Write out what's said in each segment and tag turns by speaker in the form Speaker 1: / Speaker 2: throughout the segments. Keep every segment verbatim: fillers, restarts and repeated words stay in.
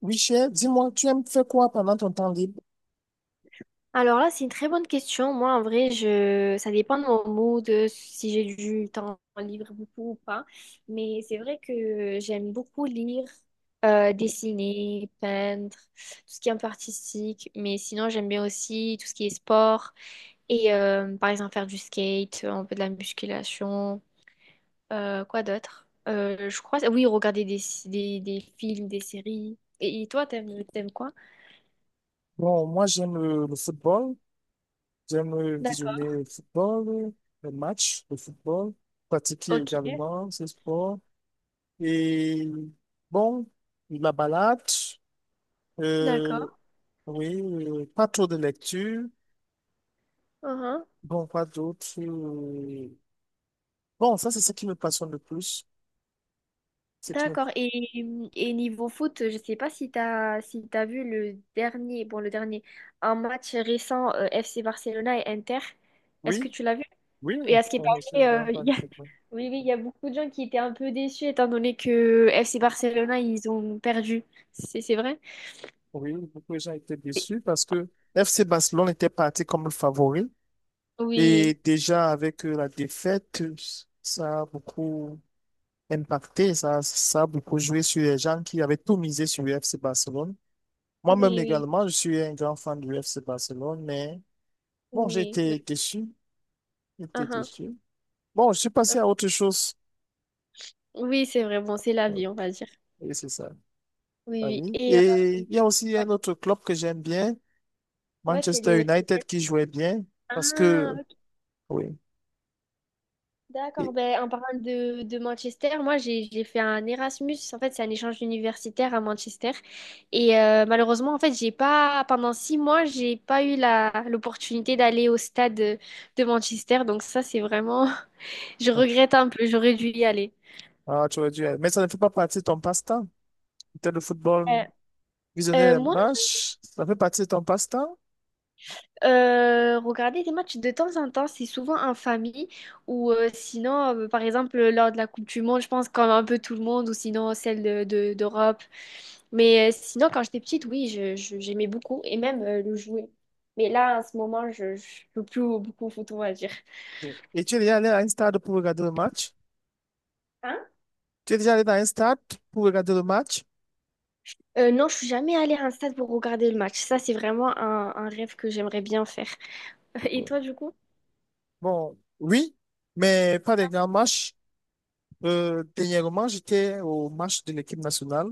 Speaker 1: Oui, cher, dis-moi, tu aimes faire quoi pendant ton temps libre?
Speaker 2: Alors là, c'est une très bonne question. Moi, en vrai, je... ça dépend de mon mood, euh, si j'ai du temps libre beaucoup ou pas. Mais c'est vrai que j'aime beaucoup lire, euh, dessiner, peindre, tout ce qui est un peu artistique. Mais sinon, j'aime bien aussi tout ce qui est sport et euh, par exemple faire du skate, un peu de la musculation. Euh, quoi d'autre? Euh, je crois, oui, regarder des, des, des films, des séries. Et, et toi, t'aimes, t'aimes quoi?
Speaker 1: Bon, moi, j'aime euh, le football. J'aime euh,
Speaker 2: D'ac-
Speaker 1: visionner le football, euh, les matchs de football, pratiquer
Speaker 2: Ok,
Speaker 1: également ce sport. Et bon, la balade, euh,
Speaker 2: d'accord.
Speaker 1: oui, euh, pas trop de lecture.
Speaker 2: Uh-huh.
Speaker 1: Bon, quoi d'autre? euh, Bon, ça, c'est ce qui me passionne le plus. C'est qui me-
Speaker 2: D'accord. Et, et niveau foot, je sais pas si t'as si t'as vu le dernier, bon, le dernier, un match récent euh, F C Barcelona et Inter. Est-ce que
Speaker 1: Oui,
Speaker 2: tu l'as vu?
Speaker 1: oui,
Speaker 2: Et à ce qui
Speaker 1: je suis un
Speaker 2: paraît,
Speaker 1: grand
Speaker 2: euh, il
Speaker 1: fan
Speaker 2: y
Speaker 1: de
Speaker 2: a-
Speaker 1: football.
Speaker 2: oui, oui, il y a beaucoup de gens qui étaient un peu déçus étant donné que F C Barcelona, ils ont perdu. C'est, c'est vrai?
Speaker 1: Oui, beaucoup de gens étaient déçus parce que F C Barcelone était parti comme le favori et
Speaker 2: Oui,
Speaker 1: déjà avec euh, la défaite, ça a beaucoup impacté, ça, ça a beaucoup joué sur les gens qui avaient tout misé sur le F C Barcelone. Moi-même
Speaker 2: oui, oui,
Speaker 1: également, je suis un grand fan du F C Barcelone, mais bon, j'ai
Speaker 2: oui. Oui.
Speaker 1: été déçu, j'ai été
Speaker 2: Uhum.
Speaker 1: déçu. Bon, je suis
Speaker 2: Euh,
Speaker 1: passé à autre chose.
Speaker 2: oui c'est vrai. Bon, c'est la
Speaker 1: Euh,
Speaker 2: vie, on va dire.
Speaker 1: Et c'est ça, la
Speaker 2: Oui, oui.
Speaker 1: vie.
Speaker 2: Et euh,
Speaker 1: Et il y a aussi
Speaker 2: ouais.
Speaker 1: un autre club que j'aime bien,
Speaker 2: Ouais, c'est
Speaker 1: Manchester
Speaker 2: le... c'est le-
Speaker 1: United, qui jouait bien parce
Speaker 2: Ah.
Speaker 1: que... Oui.
Speaker 2: D'accord,
Speaker 1: Et-
Speaker 2: ben, en parlant de, de Manchester, moi j'ai j'ai fait un Erasmus, en fait c'est un échange universitaire à Manchester et euh, malheureusement en fait j'ai pas, pendant six mois j'ai pas eu la, l'opportunité d'aller au stade de, de Manchester donc ça c'est vraiment, je regrette un peu, j'aurais dû y aller.
Speaker 1: Ah, tu aurais dû. Mais ça ne fait pas partie de ton passe-temps. Peut-être le football.
Speaker 2: Euh,
Speaker 1: Visionner
Speaker 2: euh,
Speaker 1: les
Speaker 2: moi
Speaker 1: matchs, ça fait partie de ton passe-temps?
Speaker 2: Euh, regarder des matchs de temps en temps, c'est souvent en famille ou euh, sinon, euh, par exemple, lors de la Coupe du Monde, je pense qu'on a un peu tout le monde ou sinon celle de, de- d'Europe. Mais euh, sinon, quand j'étais petite, oui, je, je- j'aimais beaucoup et même euh, le jouer. Mais là, en ce moment, je ne joue plus beaucoup au foot, on va dire.
Speaker 1: Oui. Et tu es déjà allé à un stade pour regarder le match?
Speaker 2: Hein?
Speaker 1: Tu es déjà allé dans un stade pour regarder le match?
Speaker 2: Euh, non, je suis jamais allée à un stade pour regarder le match. Ça, c'est vraiment un, un rêve que j'aimerais bien faire. Et
Speaker 1: Oui.
Speaker 2: toi, du coup?
Speaker 1: Bon, oui, mais pas des grands matchs. Euh, dernièrement, j'étais au match de l'équipe nationale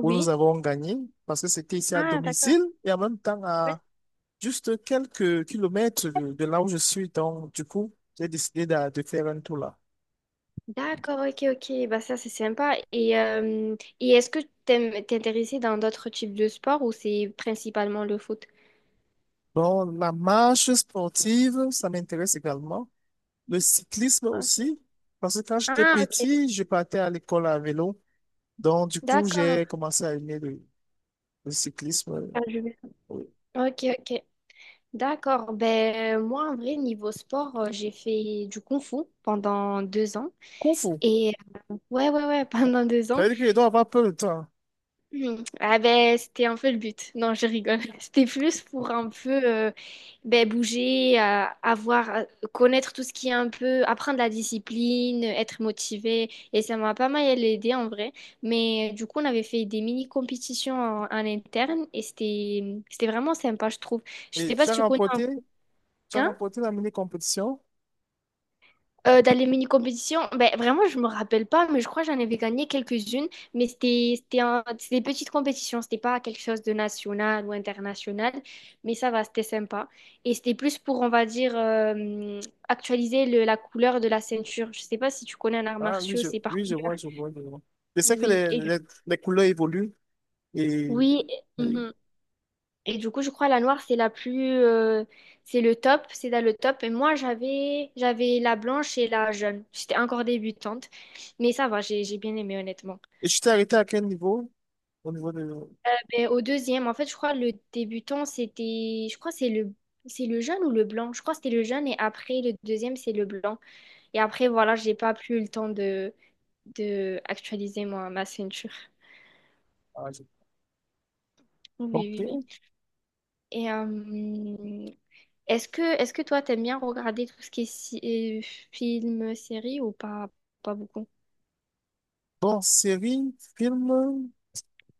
Speaker 1: où nous avons gagné parce que c'était ici à
Speaker 2: Ah, d'accord.
Speaker 1: domicile et en même temps à juste quelques kilomètres de, de là où je suis. Donc, du coup, j'ai décidé de, de faire un tour là.
Speaker 2: D'accord, ok, ok. Bah ça, c'est sympa. Et, euh, et est-ce que t'aimes t'intéresser dans d'autres types de sports ou c'est principalement le foot?
Speaker 1: Bon, la marche sportive, ça m'intéresse également. Le cyclisme
Speaker 2: Ok.
Speaker 1: aussi, parce que quand j'étais
Speaker 2: Ah, ok.
Speaker 1: petit, je partais à l'école à vélo. Donc, du coup,
Speaker 2: D'accord.
Speaker 1: j'ai commencé à aimer le, le cyclisme. Euh,
Speaker 2: Ah, je vais-
Speaker 1: oui.
Speaker 2: Ok, ok. D'accord. Ben, moi, en vrai, niveau sport, euh, j'ai fait du kung fu pendant deux ans.
Speaker 1: Kung Fu,
Speaker 2: Et ouais, ouais, ouais, pendant deux
Speaker 1: ça
Speaker 2: ans.
Speaker 1: veut dire que je dois avoir peu de temps.
Speaker 2: Mhm. Ah ben c'était un peu le but. Non, je rigole. C'était plus pour un peu euh, ben, bouger, euh, avoir, euh, connaître tout ce qui est un peu, apprendre la discipline, être motivé. Et ça m'a pas mal aidé en vrai. Mais euh, du coup, on avait fait des mini compétitions en, en interne et c'était c'était vraiment sympa, je trouve. Je
Speaker 1: Et
Speaker 2: sais pas
Speaker 1: tu
Speaker 2: si
Speaker 1: as
Speaker 2: tu connais un
Speaker 1: remporté?
Speaker 2: cours.
Speaker 1: Tu as remporté la mini-compétition?
Speaker 2: Euh, dans les mini-compétitions, ben, vraiment, je me rappelle pas, mais je crois que j'en avais gagné quelques-unes. Mais c'était c'était un- c'était des petites compétitions, c'était pas quelque chose de national ou international. Mais ça va, c'était sympa. Et c'était plus pour, on va dire, euh, actualiser le- la couleur de la ceinture. Je sais pas si tu connais un art
Speaker 1: Ah oui,
Speaker 2: martiaux,
Speaker 1: je,
Speaker 2: c'est par
Speaker 1: oui, je
Speaker 2: couleur.
Speaker 1: vois, je vois, je vois. Je sais que
Speaker 2: Oui,
Speaker 1: les,
Speaker 2: et-
Speaker 1: les, les couleurs évoluent et,
Speaker 2: oui.
Speaker 1: oui.
Speaker 2: Et du coup, je crois la noire, c'est la plus, euh, c'est le top, c'est dans le top. Et moi, j'avais, j'avais la blanche et la jaune. J'étais encore débutante, mais ça va, j'ai, j'ai bien aimé honnêtement.
Speaker 1: Et tu t'es arrêté à quel niveau? Au niveau de...
Speaker 2: Mais au deuxième, en fait, je crois le débutant, c'était, je crois que c'est le, c'est le jaune ou le blanc. Je crois que c'était le jaune et après le deuxième, c'est le blanc. Et après, voilà, j'ai pas plus eu le temps de, de actualiser moi ma ceinture.
Speaker 1: ah, je-
Speaker 2: Oui, oui,
Speaker 1: Ok.
Speaker 2: oui. Et euh, Est-ce que, est-ce que toi, t'aimes bien regarder tout ce qui est si- euh, film, série ou pas, pas beaucoup?
Speaker 1: Bon, série, film.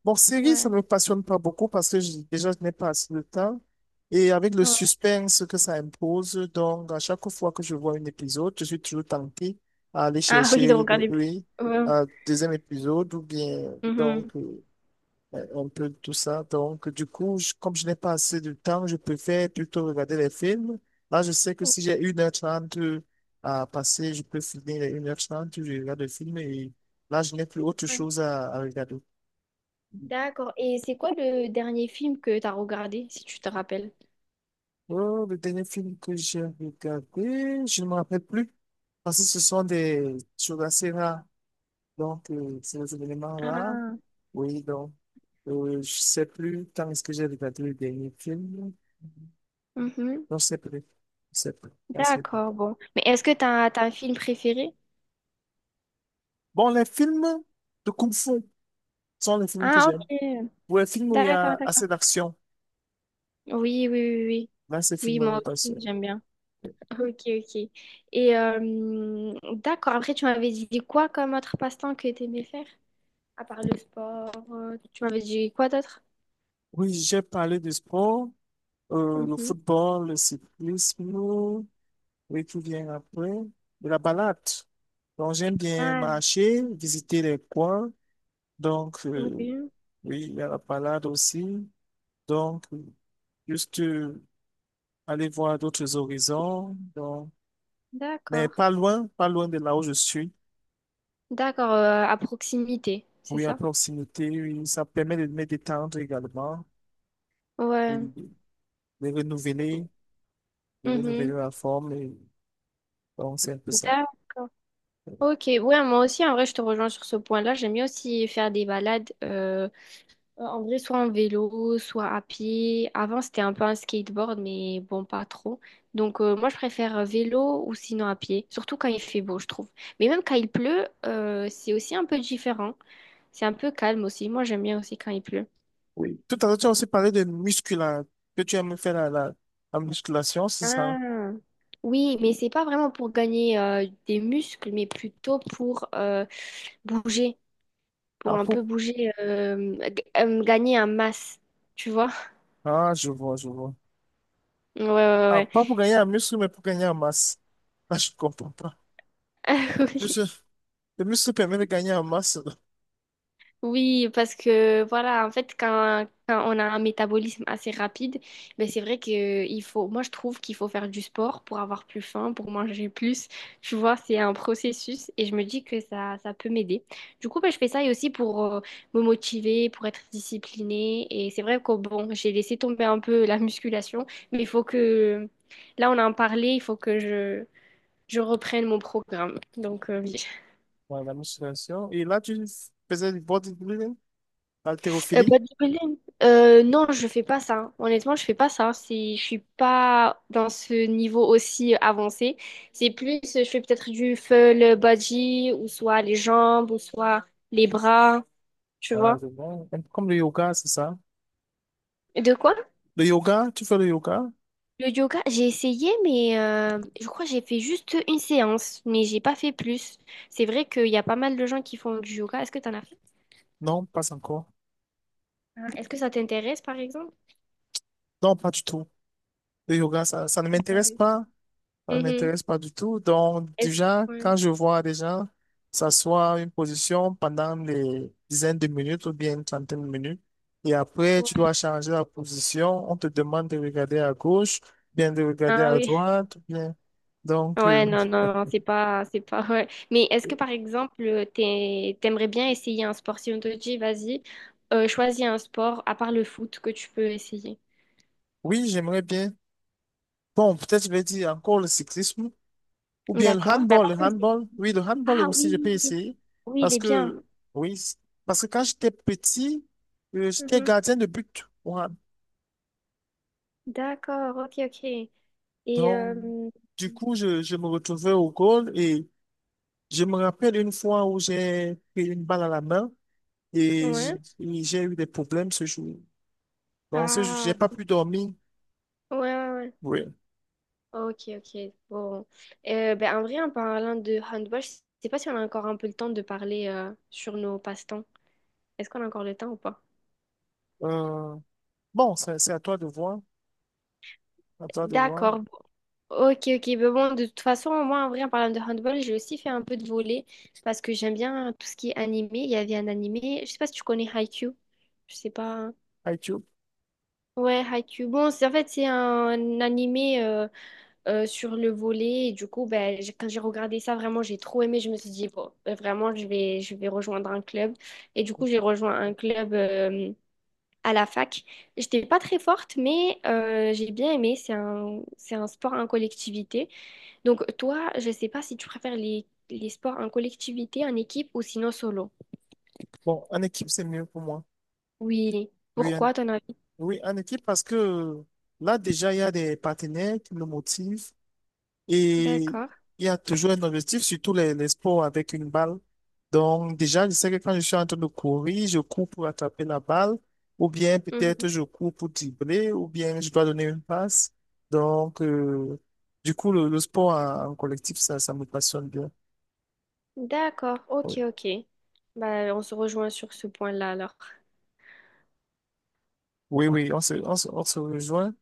Speaker 1: Bon, série, ça
Speaker 2: Ouais.
Speaker 1: ne me passionne pas beaucoup parce que je- déjà, je n'ai pas assez de temps. Et avec le
Speaker 2: Ouais.
Speaker 1: suspense que ça impose, donc à chaque fois que je vois un épisode, je suis toujours tenté à aller
Speaker 2: Ah oui, de
Speaker 1: chercher le
Speaker 2: regarder plus.
Speaker 1: oui,
Speaker 2: Ouais.
Speaker 1: euh, deuxième épisode ou bien
Speaker 2: Mhm.
Speaker 1: donc euh, un peu tout ça. Donc du coup, je- comme je n'ai pas assez de temps, je préfère plutôt regarder les films. Là, je sais que si j'ai une heure trente à passer, je peux finir les une heure trente, je regarde le film et là, je n'ai plus autre
Speaker 2: Ouais.
Speaker 1: chose à, à regarder.
Speaker 2: D'accord. Et c'est quoi le dernier film que t'as regardé, si tu te rappelles?
Speaker 1: Oh, le dernier film que j'ai regardé, je ne me rappelle plus. Parce que ce sont des choses assez rares. Donc, euh, c'est des événements rares.
Speaker 2: Ah.
Speaker 1: Oui, donc, euh, je ne sais plus quand est-ce que j'ai regardé le dernier film.
Speaker 2: Mhm.
Speaker 1: Non, je sais plus. Je sais plus. Je sais plus.
Speaker 2: D'accord, bon. Mais est-ce que t'as, t'as un film préféré?
Speaker 1: Bon, les films de Kung Fu sont les films que
Speaker 2: Ah,
Speaker 1: j'aime.
Speaker 2: ok.
Speaker 1: Ou les films où il y
Speaker 2: D'accord,
Speaker 1: a
Speaker 2: d'accord.
Speaker 1: assez d'action.
Speaker 2: Oui, oui, oui, oui.
Speaker 1: Là, ces
Speaker 2: Oui,
Speaker 1: films-là,
Speaker 2: moi
Speaker 1: pas
Speaker 2: aussi,
Speaker 1: sûr.
Speaker 2: j'aime bien. Ok, ok. Et euh, d'accord, après, tu m'avais dit quoi comme autre passe-temps que t'aimais faire? À part le sport, euh, tu m'avais dit quoi d'autre?
Speaker 1: Oui, j'ai parlé du sport, euh, le
Speaker 2: Mhm.
Speaker 1: football, le cyclisme. Oui, qui vient après, de la balade. Donc, j'aime bien
Speaker 2: Ah.
Speaker 1: marcher, visiter les coins. Donc, euh,
Speaker 2: Ok.
Speaker 1: oui, il y a la balade aussi. Donc, euh, juste euh, aller voir d'autres horizons. Donc, mais pas
Speaker 2: D'accord.
Speaker 1: loin, pas loin de là où je suis.
Speaker 2: D'accord, euh, à proximité, c'est
Speaker 1: Oui, à
Speaker 2: ça?
Speaker 1: proximité, oui, ça permet de me détendre également, oui,
Speaker 2: Ouais.
Speaker 1: de de renouveler, de renouveler
Speaker 2: Mhm.
Speaker 1: la forme. Et donc, c'est un peu ça.
Speaker 2: D'accord. Ok, ouais, moi aussi, en vrai, je te rejoins sur ce point-là. J'aime bien aussi faire des balades, euh, en vrai, soit en vélo, soit à pied. Avant, c'était un peu un skateboard, mais bon, pas trop. Donc, euh, moi, je préfère vélo ou sinon à pied, surtout quand il fait beau, je trouve. Mais même quand il pleut, euh, c'est aussi un peu différent. C'est un peu calme aussi. Moi, j'aime bien aussi quand il pleut.
Speaker 1: Tout à l'heure, tu as aussi parlé de musculation, que tu aimes faire la, la, la musculation, c'est ça?
Speaker 2: Ah. Oui, mais c'est pas vraiment pour gagner euh, des muscles, mais plutôt pour euh, bouger, pour
Speaker 1: Ah,
Speaker 2: un
Speaker 1: pour...
Speaker 2: peu bouger, euh, g- euh, gagner en masse, tu vois?
Speaker 1: ah, je vois, je vois.
Speaker 2: Ouais, ouais,
Speaker 1: Ah,
Speaker 2: ouais.
Speaker 1: pas pour gagner en muscle, mais pour gagner en masse. Là, je comprends pas.
Speaker 2: Ouais. Oui.
Speaker 1: Monsieur, le muscle permet de gagner en masse.
Speaker 2: Oui, parce que voilà, en fait, quand, quand on a un métabolisme assez rapide, ben c'est vrai que il faut, moi je trouve qu'il faut faire du sport pour avoir plus faim, pour manger plus. Tu vois, c'est un processus et je me dis que ça, ça peut m'aider. Du coup, ben, je fais ça et aussi pour euh, me motiver, pour être disciplinée. Et c'est vrai que bon, j'ai laissé tomber un peu la musculation, mais il faut que, là on en parlait, il faut que je, je reprenne mon programme. Donc, euh, oui.
Speaker 1: Ouais, la musculation. Et là, tu faisais du bodybuilding,
Speaker 2: Euh,
Speaker 1: haltérophilie.
Speaker 2: bodybuilding? Euh, non, je fais pas ça. Honnêtement, je fais pas ça. C'est, je suis pas dans ce niveau aussi avancé. C'est plus, euh, je fais peut-être du full body ou soit les jambes ou soit les bras, tu
Speaker 1: Ah,
Speaker 2: vois.
Speaker 1: je vois. Un peu comme le yoga, c'est ça.
Speaker 2: De quoi?
Speaker 1: Le yoga, tu fais le yoga?
Speaker 2: Le yoga, j'ai essayé, mais euh, je crois que j'ai fait juste une séance, mais j'ai pas fait plus. C'est vrai qu'il y a pas mal de gens qui font du yoga. Est-ce que t'en as fait?
Speaker 1: Non, pas encore.
Speaker 2: Ah, est-ce que ça t'intéresse, par exemple?
Speaker 1: Non, pas du tout. Le yoga, ça, ça ne
Speaker 2: Ah
Speaker 1: m'intéresse
Speaker 2: oui.
Speaker 1: pas. Ça ne
Speaker 2: Mhm.
Speaker 1: m'intéresse pas du tout. Donc,
Speaker 2: Est-ce-
Speaker 1: déjà,
Speaker 2: Ouais.
Speaker 1: quand je vois des gens s'asseoir une position pendant les dizaines de minutes ou bien une trentaine de minutes, et après, tu
Speaker 2: Ouais.
Speaker 1: dois changer la position, on te demande de regarder à gauche, bien de regarder
Speaker 2: Ah
Speaker 1: à
Speaker 2: oui.
Speaker 1: droite, bien. Donc, euh,
Speaker 2: Ouais, non, non, non, c'est pas, c'est pas, ouais. Mais est-ce que, par exemple, t'es- t'aimerais bien essayer un sport? Si on te dit, vas-y, euh, choisis un sport, à part le foot, que tu peux essayer.
Speaker 1: oui, j'aimerais bien. Bon, peut-être je vais dire encore le cyclisme ou bien le
Speaker 2: D'accord. Mais à
Speaker 1: handball.
Speaker 2: part
Speaker 1: Le
Speaker 2: le- foot.
Speaker 1: handball, oui, le handball
Speaker 2: Ah
Speaker 1: aussi,
Speaker 2: oui,
Speaker 1: je peux essayer
Speaker 2: oui, il
Speaker 1: parce
Speaker 2: est bien.
Speaker 1: que, oui, c- parce que quand j'étais petit, euh, j'étais
Speaker 2: Mhm.
Speaker 1: gardien de but au hand.
Speaker 2: D'accord, ok, ok. Et,
Speaker 1: Donc,
Speaker 2: euh,
Speaker 1: du coup, je, je me retrouvais au goal et je me rappelle une fois où j'ai pris une balle à la main et
Speaker 2: ouais.
Speaker 1: j- et j'ai eu des problèmes ce jour. Donc, ce jour, j'ai
Speaker 2: Ah,
Speaker 1: pas pu dormir.
Speaker 2: ouais, ouais, ouais.
Speaker 1: Oui.
Speaker 2: Ok, ok. Bon. Euh, ben, en vrai, en parlant de handball, je sais pas si on a encore un peu le temps de parler euh, sur nos passe-temps. Est-ce qu'on a encore le temps ou pas?
Speaker 1: Euh, bon, c'est c'est à toi de voir. À toi de voir.
Speaker 2: D'accord. Ok, ok. Mais bon, de toute façon, moi, en vrai, en parlant de handball, j'ai aussi fait un peu de volley parce que j'aime bien tout ce qui est animé. Il y avait un animé, je sais pas si tu connais Haikyuu. Je sais pas. Ouais, Haikyuu. Bon, c'est en fait, c'est un animé euh, euh, sur le volley. Et du coup, ben, j'ai- quand j'ai regardé ça, vraiment, j'ai trop aimé. Je me suis dit, bon, ben, vraiment, je vais, je vais rejoindre un club. Et du coup, j'ai rejoint un club euh, à la fac. J'étais pas très forte, mais euh, j'ai bien aimé. C'est un, c'est un sport en collectivité. Donc, toi, je ne sais pas si tu préfères les, les sports en collectivité, en équipe ou sinon solo.
Speaker 1: Bon, en équipe, c'est mieux pour moi.
Speaker 2: Oui.
Speaker 1: Oui, en,
Speaker 2: Pourquoi ton avis?
Speaker 1: oui, en équipe, parce que là, déjà, il y a des partenaires qui me motivent. Et
Speaker 2: D'accord.
Speaker 1: il y a toujours un objectif, surtout les, les sports avec une balle. Donc, déjà, je sais que quand je suis en train de courir, je cours pour attraper la balle, ou bien peut-être
Speaker 2: Mhm.
Speaker 1: je cours pour dribbler, ou bien je dois donner une passe. Donc, euh, du coup, le, le sport en, en collectif, ça, ça me passionne bien.
Speaker 2: D'accord. Ok,
Speaker 1: Oui,
Speaker 2: ok. Bah, on se rejoint sur ce point-là alors.
Speaker 1: oui, oui, on se, on se, on se rejoint,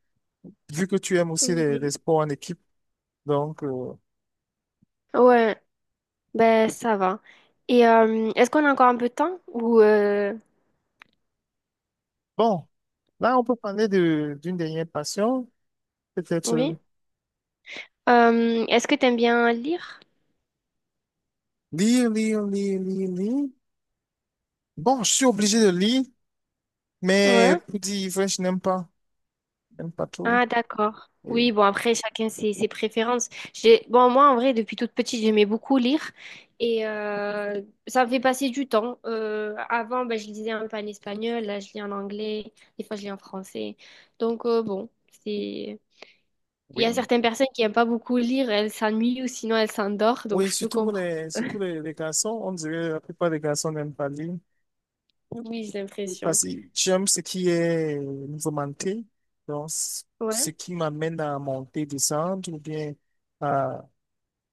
Speaker 1: vu que tu aimes aussi les, les
Speaker 2: Oui.
Speaker 1: sports en équipe. Donc, euh,
Speaker 2: Ouais, ben ça va. Et euh, est-ce qu'on a encore un peu de temps? Ou euh,
Speaker 1: bon, là, on peut parler de, d'une dernière passion, peut-être
Speaker 2: oui?
Speaker 1: euh,
Speaker 2: Euh, est-ce que t'aimes bien lire?
Speaker 1: lire, lire, lire, lire, lire. Bon, je suis obligé de lire, mais
Speaker 2: Ouais.
Speaker 1: pour dire vrai, je n'aime pas. Je n'aime pas trop.
Speaker 2: Ah, d'accord.
Speaker 1: Oui,
Speaker 2: Oui, bon, après, chacun ses, ses préférences. J'ai... Bon, moi, en vrai, depuis toute petite, j'aimais beaucoup lire et euh, ça me fait passer du temps. Euh, avant, ben, je lisais un peu en espagnol, là, je lis en anglais, des fois, je lis en français. Donc, euh, bon, c'est... Il y a
Speaker 1: oui,
Speaker 2: certaines personnes qui n'aiment pas beaucoup lire, elles s'ennuient ou sinon elles s'endorment, donc
Speaker 1: oui,
Speaker 2: je peux
Speaker 1: surtout pour
Speaker 2: comprendre.
Speaker 1: les, surtout les, les garçons, on dirait que la plupart des garçons n'aiment pas lire.
Speaker 2: Oui, j'ai l'impression.
Speaker 1: Parce que j'aime ce qui est mouvementé, donc c- ce
Speaker 2: Ouais,
Speaker 1: qui m'amène à monter, descendre ou bien à,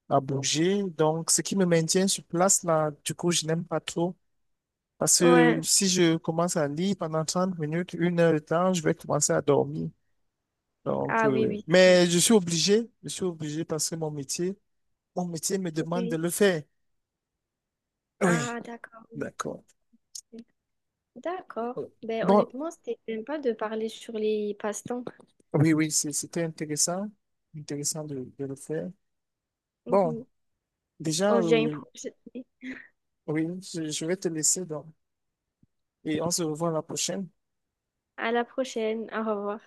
Speaker 1: à bouger. Donc, ce qui me maintient sur place, là, du coup, je n'aime pas trop. Parce que
Speaker 2: ouais.
Speaker 1: si je commence à lire pendant trente minutes, une heure de temps, je vais commencer à dormir. Donc,
Speaker 2: Ah oui,
Speaker 1: euh,
Speaker 2: oui.
Speaker 1: mais je suis obligé, je suis obligé parce que mon métier, mon métier me demande de
Speaker 2: Oui.
Speaker 1: le faire. Oui,
Speaker 2: Ah, d'accord. Oui.
Speaker 1: d'accord.
Speaker 2: D'accord. Ben,
Speaker 1: Bon,
Speaker 2: honnêtement, c'était sympa de parler sur les passe-temps.
Speaker 1: oui, oui, c'est- c'était intéressant, intéressant de, de le faire. Bon,
Speaker 2: Mhm.
Speaker 1: déjà,
Speaker 2: On se dit à une
Speaker 1: euh,
Speaker 2: prochaine-
Speaker 1: oui, je, je vais te laisser donc, et on se revoit la prochaine.
Speaker 2: à la prochaine. Au revoir.